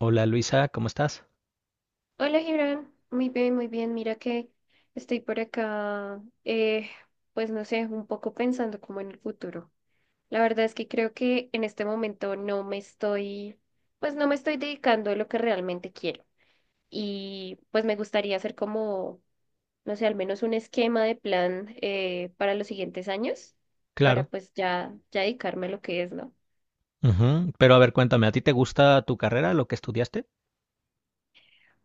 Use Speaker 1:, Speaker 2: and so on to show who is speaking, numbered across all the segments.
Speaker 1: Hola Luisa, ¿cómo estás?
Speaker 2: Hola, Gibran. Muy bien, muy bien. Mira que estoy por acá, pues no sé, un poco pensando como en el futuro. La verdad es que creo que en este momento no me estoy dedicando a lo que realmente quiero. Y pues me gustaría hacer como, no sé, al menos un esquema de plan para los siguientes años, para
Speaker 1: Claro.
Speaker 2: pues ya dedicarme a lo que es, ¿no?
Speaker 1: Ujú. Pero a ver, cuéntame, ¿a ti te gusta tu carrera, lo que estudiaste?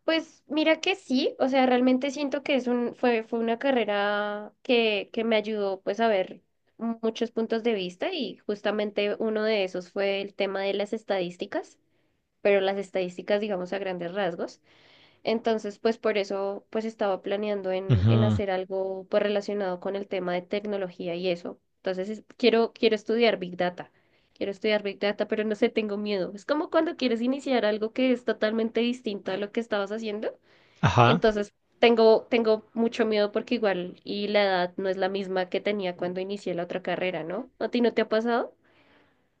Speaker 2: Pues mira que sí, o sea, realmente siento que fue una carrera que me ayudó pues a ver muchos puntos de vista y justamente uno de esos fue el tema de las estadísticas, pero las estadísticas digamos a grandes rasgos. Entonces pues por eso pues estaba planeando en
Speaker 1: Ujú.
Speaker 2: hacer algo pues relacionado con el tema de tecnología y eso. Quiero estudiar Big Data. Quiero estudiar Big Data, pero no sé, tengo miedo. Es como cuando quieres iniciar algo que es totalmente distinto a lo que estabas haciendo.
Speaker 1: Ajá.
Speaker 2: Entonces, tengo mucho miedo porque igual y la edad no es la misma que tenía cuando inicié la otra carrera, ¿no? ¿A ti no te ha pasado?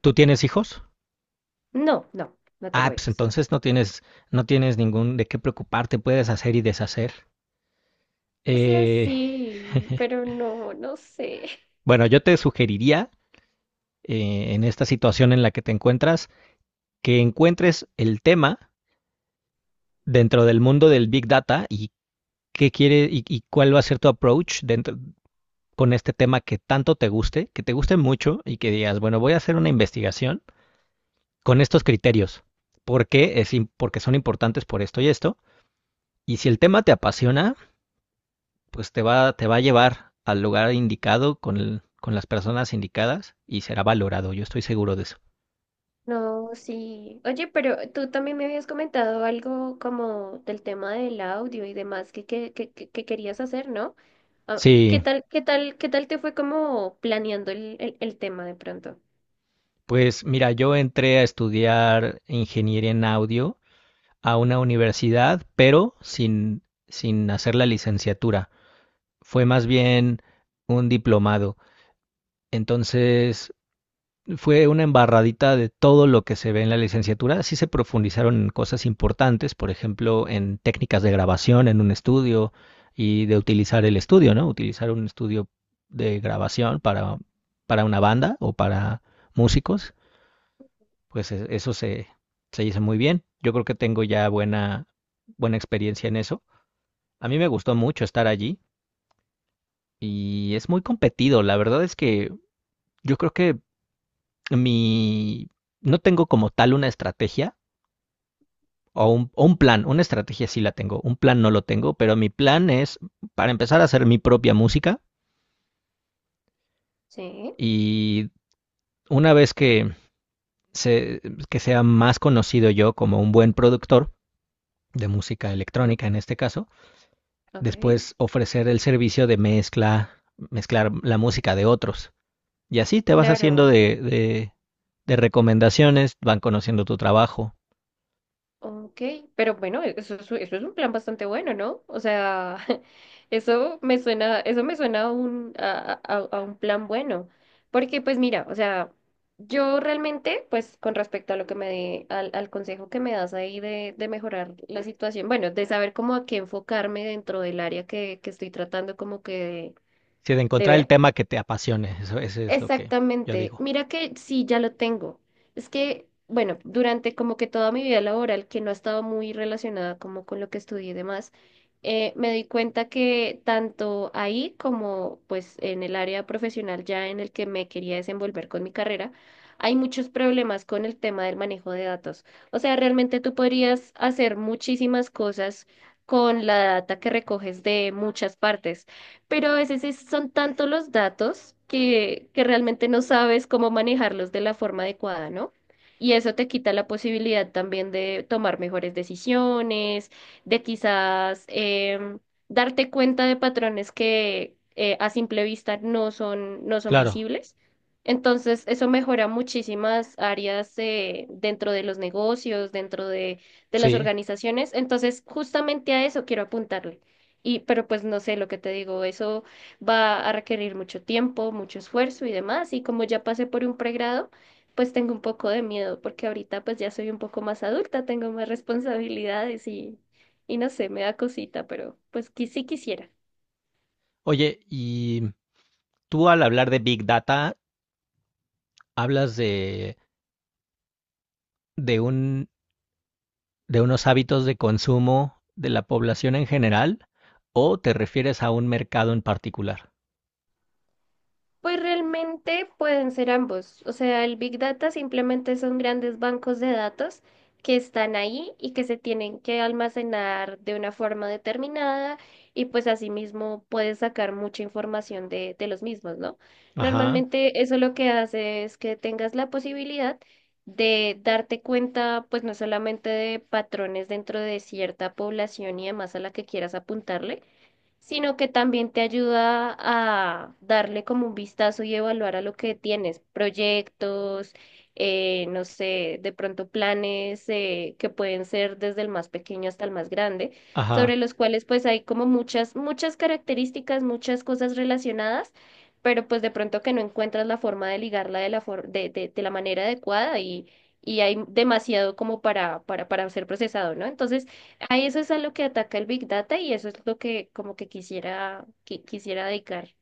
Speaker 1: ¿Tú tienes hijos?
Speaker 2: No, no, no
Speaker 1: Ah,
Speaker 2: tengo
Speaker 1: pues
Speaker 2: hijos.
Speaker 1: entonces no tienes, no tienes ningún de qué preocuparte, puedes hacer y deshacer.
Speaker 2: O sea,
Speaker 1: Eh,
Speaker 2: sí, pero no, no sé.
Speaker 1: bueno, yo te sugeriría, en esta situación en la que te encuentras, que encuentres el tema dentro del mundo del Big Data y qué quiere y cuál va a ser tu approach dentro, con este tema que tanto te guste, que te guste mucho y que digas, bueno, voy a hacer una investigación con estos criterios. ¿Por qué? Es porque son importantes por esto y esto. Y si el tema te apasiona, pues te va a llevar al lugar indicado con las personas indicadas y será valorado. Yo estoy seguro de eso.
Speaker 2: No, sí. Oye, pero tú también me habías comentado algo como del tema del audio y demás que querías hacer, ¿no? Ah, ¿qué
Speaker 1: Sí,
Speaker 2: tal, qué tal, qué tal te fue como planeando el tema de pronto?
Speaker 1: pues mira, yo entré a estudiar ingeniería en audio a una universidad, pero sin hacer la licenciatura. Fue más bien un diplomado. Entonces, fue una embarradita de todo lo que se ve en la licenciatura. Sí se profundizaron en cosas importantes, por ejemplo, en técnicas de grabación en un estudio y de utilizar el estudio, ¿no? Utilizar un estudio de grabación para una banda o para músicos, pues se hizo muy bien. Yo creo que tengo ya buena experiencia en eso. A mí me gustó mucho estar allí y es muy competido. La verdad es que yo creo que mi... No tengo como tal una estrategia o un plan, una estrategia sí la tengo, un plan no lo tengo, pero mi plan es para empezar a hacer mi propia música
Speaker 2: Sí.
Speaker 1: y una vez se, que sea más conocido yo como un buen productor de música
Speaker 2: ¿Mm?
Speaker 1: electrónica en este caso,
Speaker 2: Ok.
Speaker 1: después ofrecer el servicio de mezcla, mezclar la música de otros. Y así te vas haciendo
Speaker 2: Claro.
Speaker 1: de, de, de recomendaciones, van conociendo tu trabajo.
Speaker 2: Ok, pero bueno, eso es un plan bastante bueno, ¿no? O sea, eso me suena a un plan bueno. Porque, pues mira, o sea, yo realmente, pues con respecto a lo que al consejo que me das ahí de mejorar la situación, bueno, de saber cómo a qué enfocarme dentro del área que estoy tratando como que
Speaker 1: Si de
Speaker 2: de
Speaker 1: encontrar el
Speaker 2: ver.
Speaker 1: tema que te apasione, eso es lo que yo
Speaker 2: Exactamente.
Speaker 1: digo.
Speaker 2: Mira que sí, ya lo tengo. Es que, bueno, durante como que toda mi vida laboral, que no ha estado muy relacionada como con lo que estudié y demás, me di cuenta que tanto ahí como pues en el área profesional ya en el que me quería desenvolver con mi carrera, hay muchos problemas con el tema del manejo de datos. O sea, realmente tú podrías hacer muchísimas cosas con la data que recoges de muchas partes pero a veces son tantos los datos que realmente no sabes cómo manejarlos de la forma adecuada, ¿no? Y eso te quita la posibilidad también de tomar mejores decisiones, de quizás darte cuenta de patrones que a simple vista no son, no son
Speaker 1: Claro,
Speaker 2: visibles. Entonces, eso mejora muchísimas áreas dentro de los negocios, de las
Speaker 1: sí.
Speaker 2: organizaciones. Entonces, justamente a eso quiero apuntarle. Y, pero pues no sé, lo que te digo, eso va a requerir mucho tiempo, mucho esfuerzo y demás. Y como ya pasé por un pregrado, pues tengo un poco de miedo, porque ahorita pues ya soy un poco más adulta, tengo más responsabilidades y no sé, me da cosita, pero pues que sí quisiera.
Speaker 1: Oye, y tú al hablar de Big Data, hablas de, de un, de unos hábitos de consumo de la población en general o te refieres a un mercado en particular?
Speaker 2: Pues realmente pueden ser ambos. O sea, el Big Data simplemente son grandes bancos de datos que están ahí y que se tienen que almacenar de una forma determinada y pues asimismo puedes sacar mucha información de los mismos, ¿no?
Speaker 1: Ajá,
Speaker 2: Normalmente eso lo que hace es que tengas la posibilidad de darte cuenta pues no solamente de patrones dentro de cierta población y demás a la que quieras apuntarle, sino que también te ayuda a darle como un vistazo y evaluar a lo que tienes, proyectos, no sé, de pronto planes que pueden ser desde el más pequeño hasta el más grande, sobre
Speaker 1: ajá.
Speaker 2: los cuales pues hay como muchas, muchas características, muchas cosas relacionadas. Pero pues de pronto que no encuentras la forma de ligarla de la for- de la manera adecuada y hay demasiado como para ser procesado, ¿no? Entonces, a eso es a lo que ataca el Big Data y eso es lo que como que quisiera dedicar.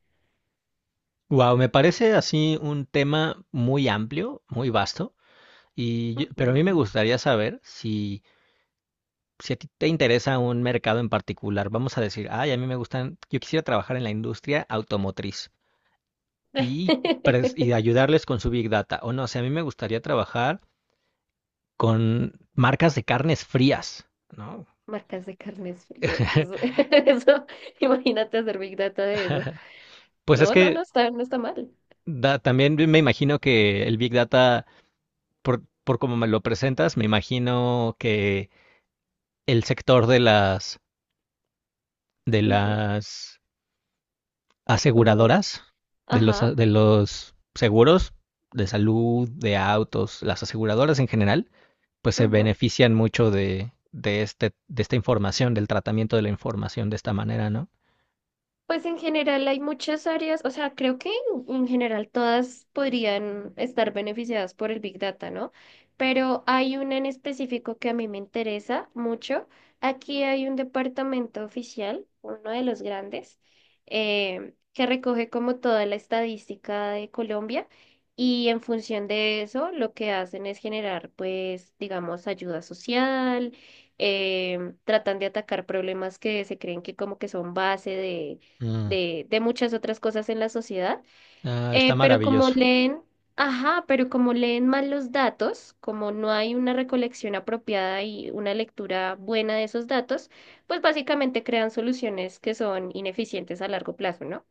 Speaker 1: Wow, me parece así un tema muy amplio, muy vasto, pero a mí
Speaker 2: Ujú.
Speaker 1: me gustaría saber si a ti te interesa un mercado en particular. Vamos a decir, ay, a mí me gustan, yo quisiera trabajar en la industria automotriz. y, y ayudarles con su Big Data. O no, o sea, a mí me gustaría trabajar con marcas de carnes frías, ¿no?
Speaker 2: Marcas de carnes frías. Eso, eso, imagínate hacer Big Data de eso.
Speaker 1: Pues es
Speaker 2: No, no,
Speaker 1: que
Speaker 2: no está, no está mal.
Speaker 1: también me imagino que el Big Data, por como me lo presentas, me imagino que el sector de
Speaker 2: Ujú.
Speaker 1: las
Speaker 2: Como,
Speaker 1: aseguradoras,
Speaker 2: ajá.
Speaker 1: de los seguros de salud, de autos, las aseguradoras en general, pues se
Speaker 2: Ujú.
Speaker 1: benefician mucho de esta información, del tratamiento de la información de esta manera, ¿no?
Speaker 2: Pues en general hay muchas áreas, o sea, creo que en general todas podrían estar beneficiadas por el Big Data, ¿no? Pero hay una en específico que a mí me interesa mucho. Aquí hay un departamento oficial, uno de los grandes, que recoge como toda la estadística de Colombia y en función de eso lo que hacen es generar, pues, digamos, ayuda social, tratan de atacar problemas que se creen que como que son base de
Speaker 1: Mm.
Speaker 2: de muchas otras cosas en la sociedad.
Speaker 1: Ah, está
Speaker 2: Pero como
Speaker 1: maravilloso.
Speaker 2: leen, ajá, pero como leen mal los datos, como no hay una recolección apropiada y una lectura buena de esos datos, pues básicamente crean soluciones que son ineficientes a largo plazo, ¿no?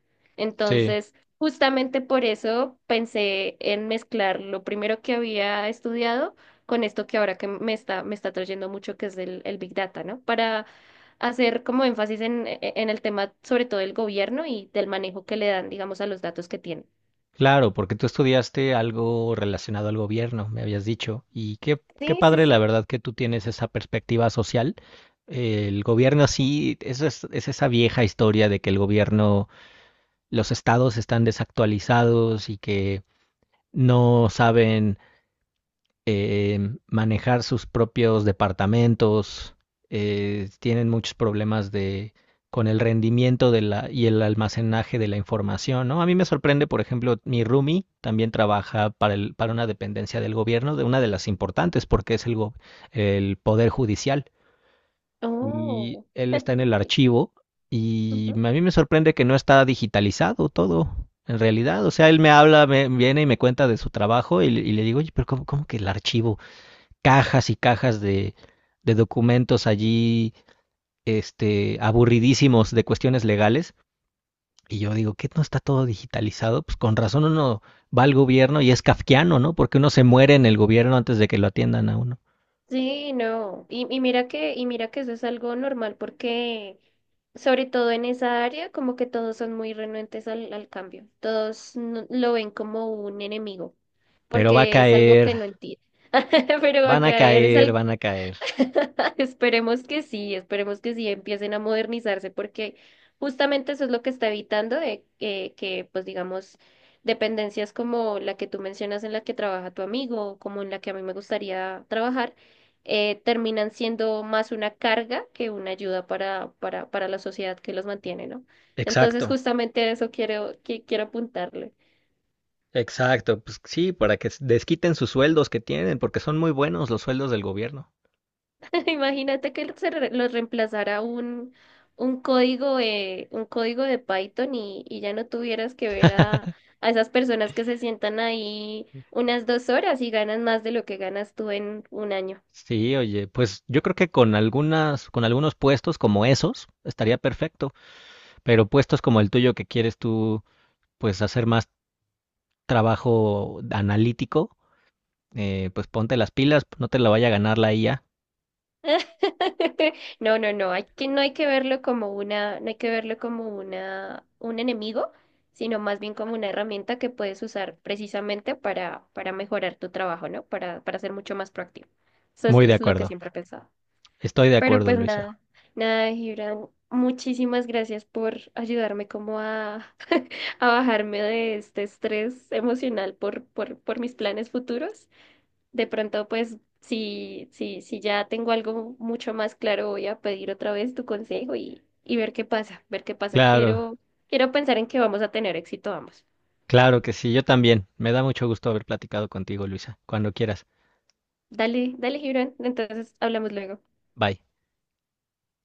Speaker 1: Sí,
Speaker 2: Entonces, justamente por eso pensé en mezclar lo primero que había estudiado con esto que ahora que me está trayendo mucho, que es el Big Data, ¿no? Para hacer como énfasis en el tema, sobre todo del gobierno y del manejo que le dan, digamos, a los datos que tienen.
Speaker 1: claro, porque tú estudiaste algo relacionado al gobierno, me habías dicho. Y qué, qué
Speaker 2: Sí, sí,
Speaker 1: padre, la
Speaker 2: sí.
Speaker 1: verdad, que tú tienes esa perspectiva social. El gobierno sí, es esa vieja historia de que el gobierno, los estados están desactualizados y que no saben manejar sus propios departamentos, tienen muchos problemas con el rendimiento y el almacenaje de la información, ¿no? A mí me sorprende, por ejemplo, mi roomie también trabaja para una dependencia del gobierno, de una de las importantes, porque es el Poder Judicial. Y
Speaker 2: Oh.
Speaker 1: él está en el
Speaker 2: Y-
Speaker 1: archivo y
Speaker 2: ujú.
Speaker 1: a mí me sorprende que no está digitalizado todo, en realidad. O sea, él me habla, me viene y me cuenta de su trabajo y le digo, oye, pero cómo, ¿cómo, que el archivo? Cajas y cajas de documentos allí, este, aburridísimos de cuestiones legales. Y yo digo, ¿qué no está todo digitalizado? Pues con razón uno va al gobierno y es kafkiano, ¿no? Porque uno se muere en el gobierno antes de que lo atiendan a uno.
Speaker 2: Sí, no. Y mira que eso es algo normal porque, sobre todo en esa área, como que todos son muy renuentes al cambio. Todos no- lo ven como un enemigo,
Speaker 1: Pero va a
Speaker 2: porque es algo
Speaker 1: caer,
Speaker 2: que no entienden. Pero
Speaker 1: van a
Speaker 2: acá eres,
Speaker 1: caer,
Speaker 2: al-
Speaker 1: van a caer.
Speaker 2: Esperemos que sí empiecen a modernizarse porque justamente eso es lo que está evitando de que, pues digamos, dependencias como la que tú mencionas en la que trabaja tu amigo o como en la que a mí me gustaría trabajar, terminan siendo más una carga que una ayuda para la sociedad que los mantiene, ¿no? Entonces
Speaker 1: Exacto,
Speaker 2: justamente a eso quiero apuntarle.
Speaker 1: exacto. Pues sí, para que desquiten sus sueldos que tienen, porque son muy buenos los sueldos del gobierno.
Speaker 2: Imagínate que lo reemplazara un código de Python y ya no tuvieras que ver a esas personas que se sientan ahí unas dos horas y ganan más de lo que ganas tú en un año.
Speaker 1: Sí, oye, pues yo creo que con algunos puestos como esos, estaría perfecto. Pero puestos como el tuyo que quieres tú, pues hacer más trabajo analítico, pues ponte las pilas, no te la vaya a ganar la IA.
Speaker 2: No, no, no, hay que, no hay que verlo como una, no hay que verlo como una, un enemigo, sino más bien como una herramienta que puedes usar precisamente para mejorar tu trabajo, ¿no? Para ser mucho más proactivo.
Speaker 1: Muy de
Speaker 2: Es lo que
Speaker 1: acuerdo.
Speaker 2: siempre he pensado.
Speaker 1: Estoy de
Speaker 2: Pero
Speaker 1: acuerdo,
Speaker 2: pues
Speaker 1: Luisa.
Speaker 2: nada, nada, Gibran. Muchísimas gracias por ayudarme como a, a bajarme de este estrés emocional por mis planes futuros. De pronto, pues, si ya tengo algo mucho más claro, voy a pedir otra vez tu consejo y ver qué pasa, ver qué pasa.
Speaker 1: Claro,
Speaker 2: Quiero pensar en que vamos a tener éxito ambos.
Speaker 1: claro que sí, yo también. Me da mucho gusto haber platicado contigo, Luisa. Cuando quieras.
Speaker 2: Dale, dale, Gibran. Entonces, hablamos luego.
Speaker 1: Bye.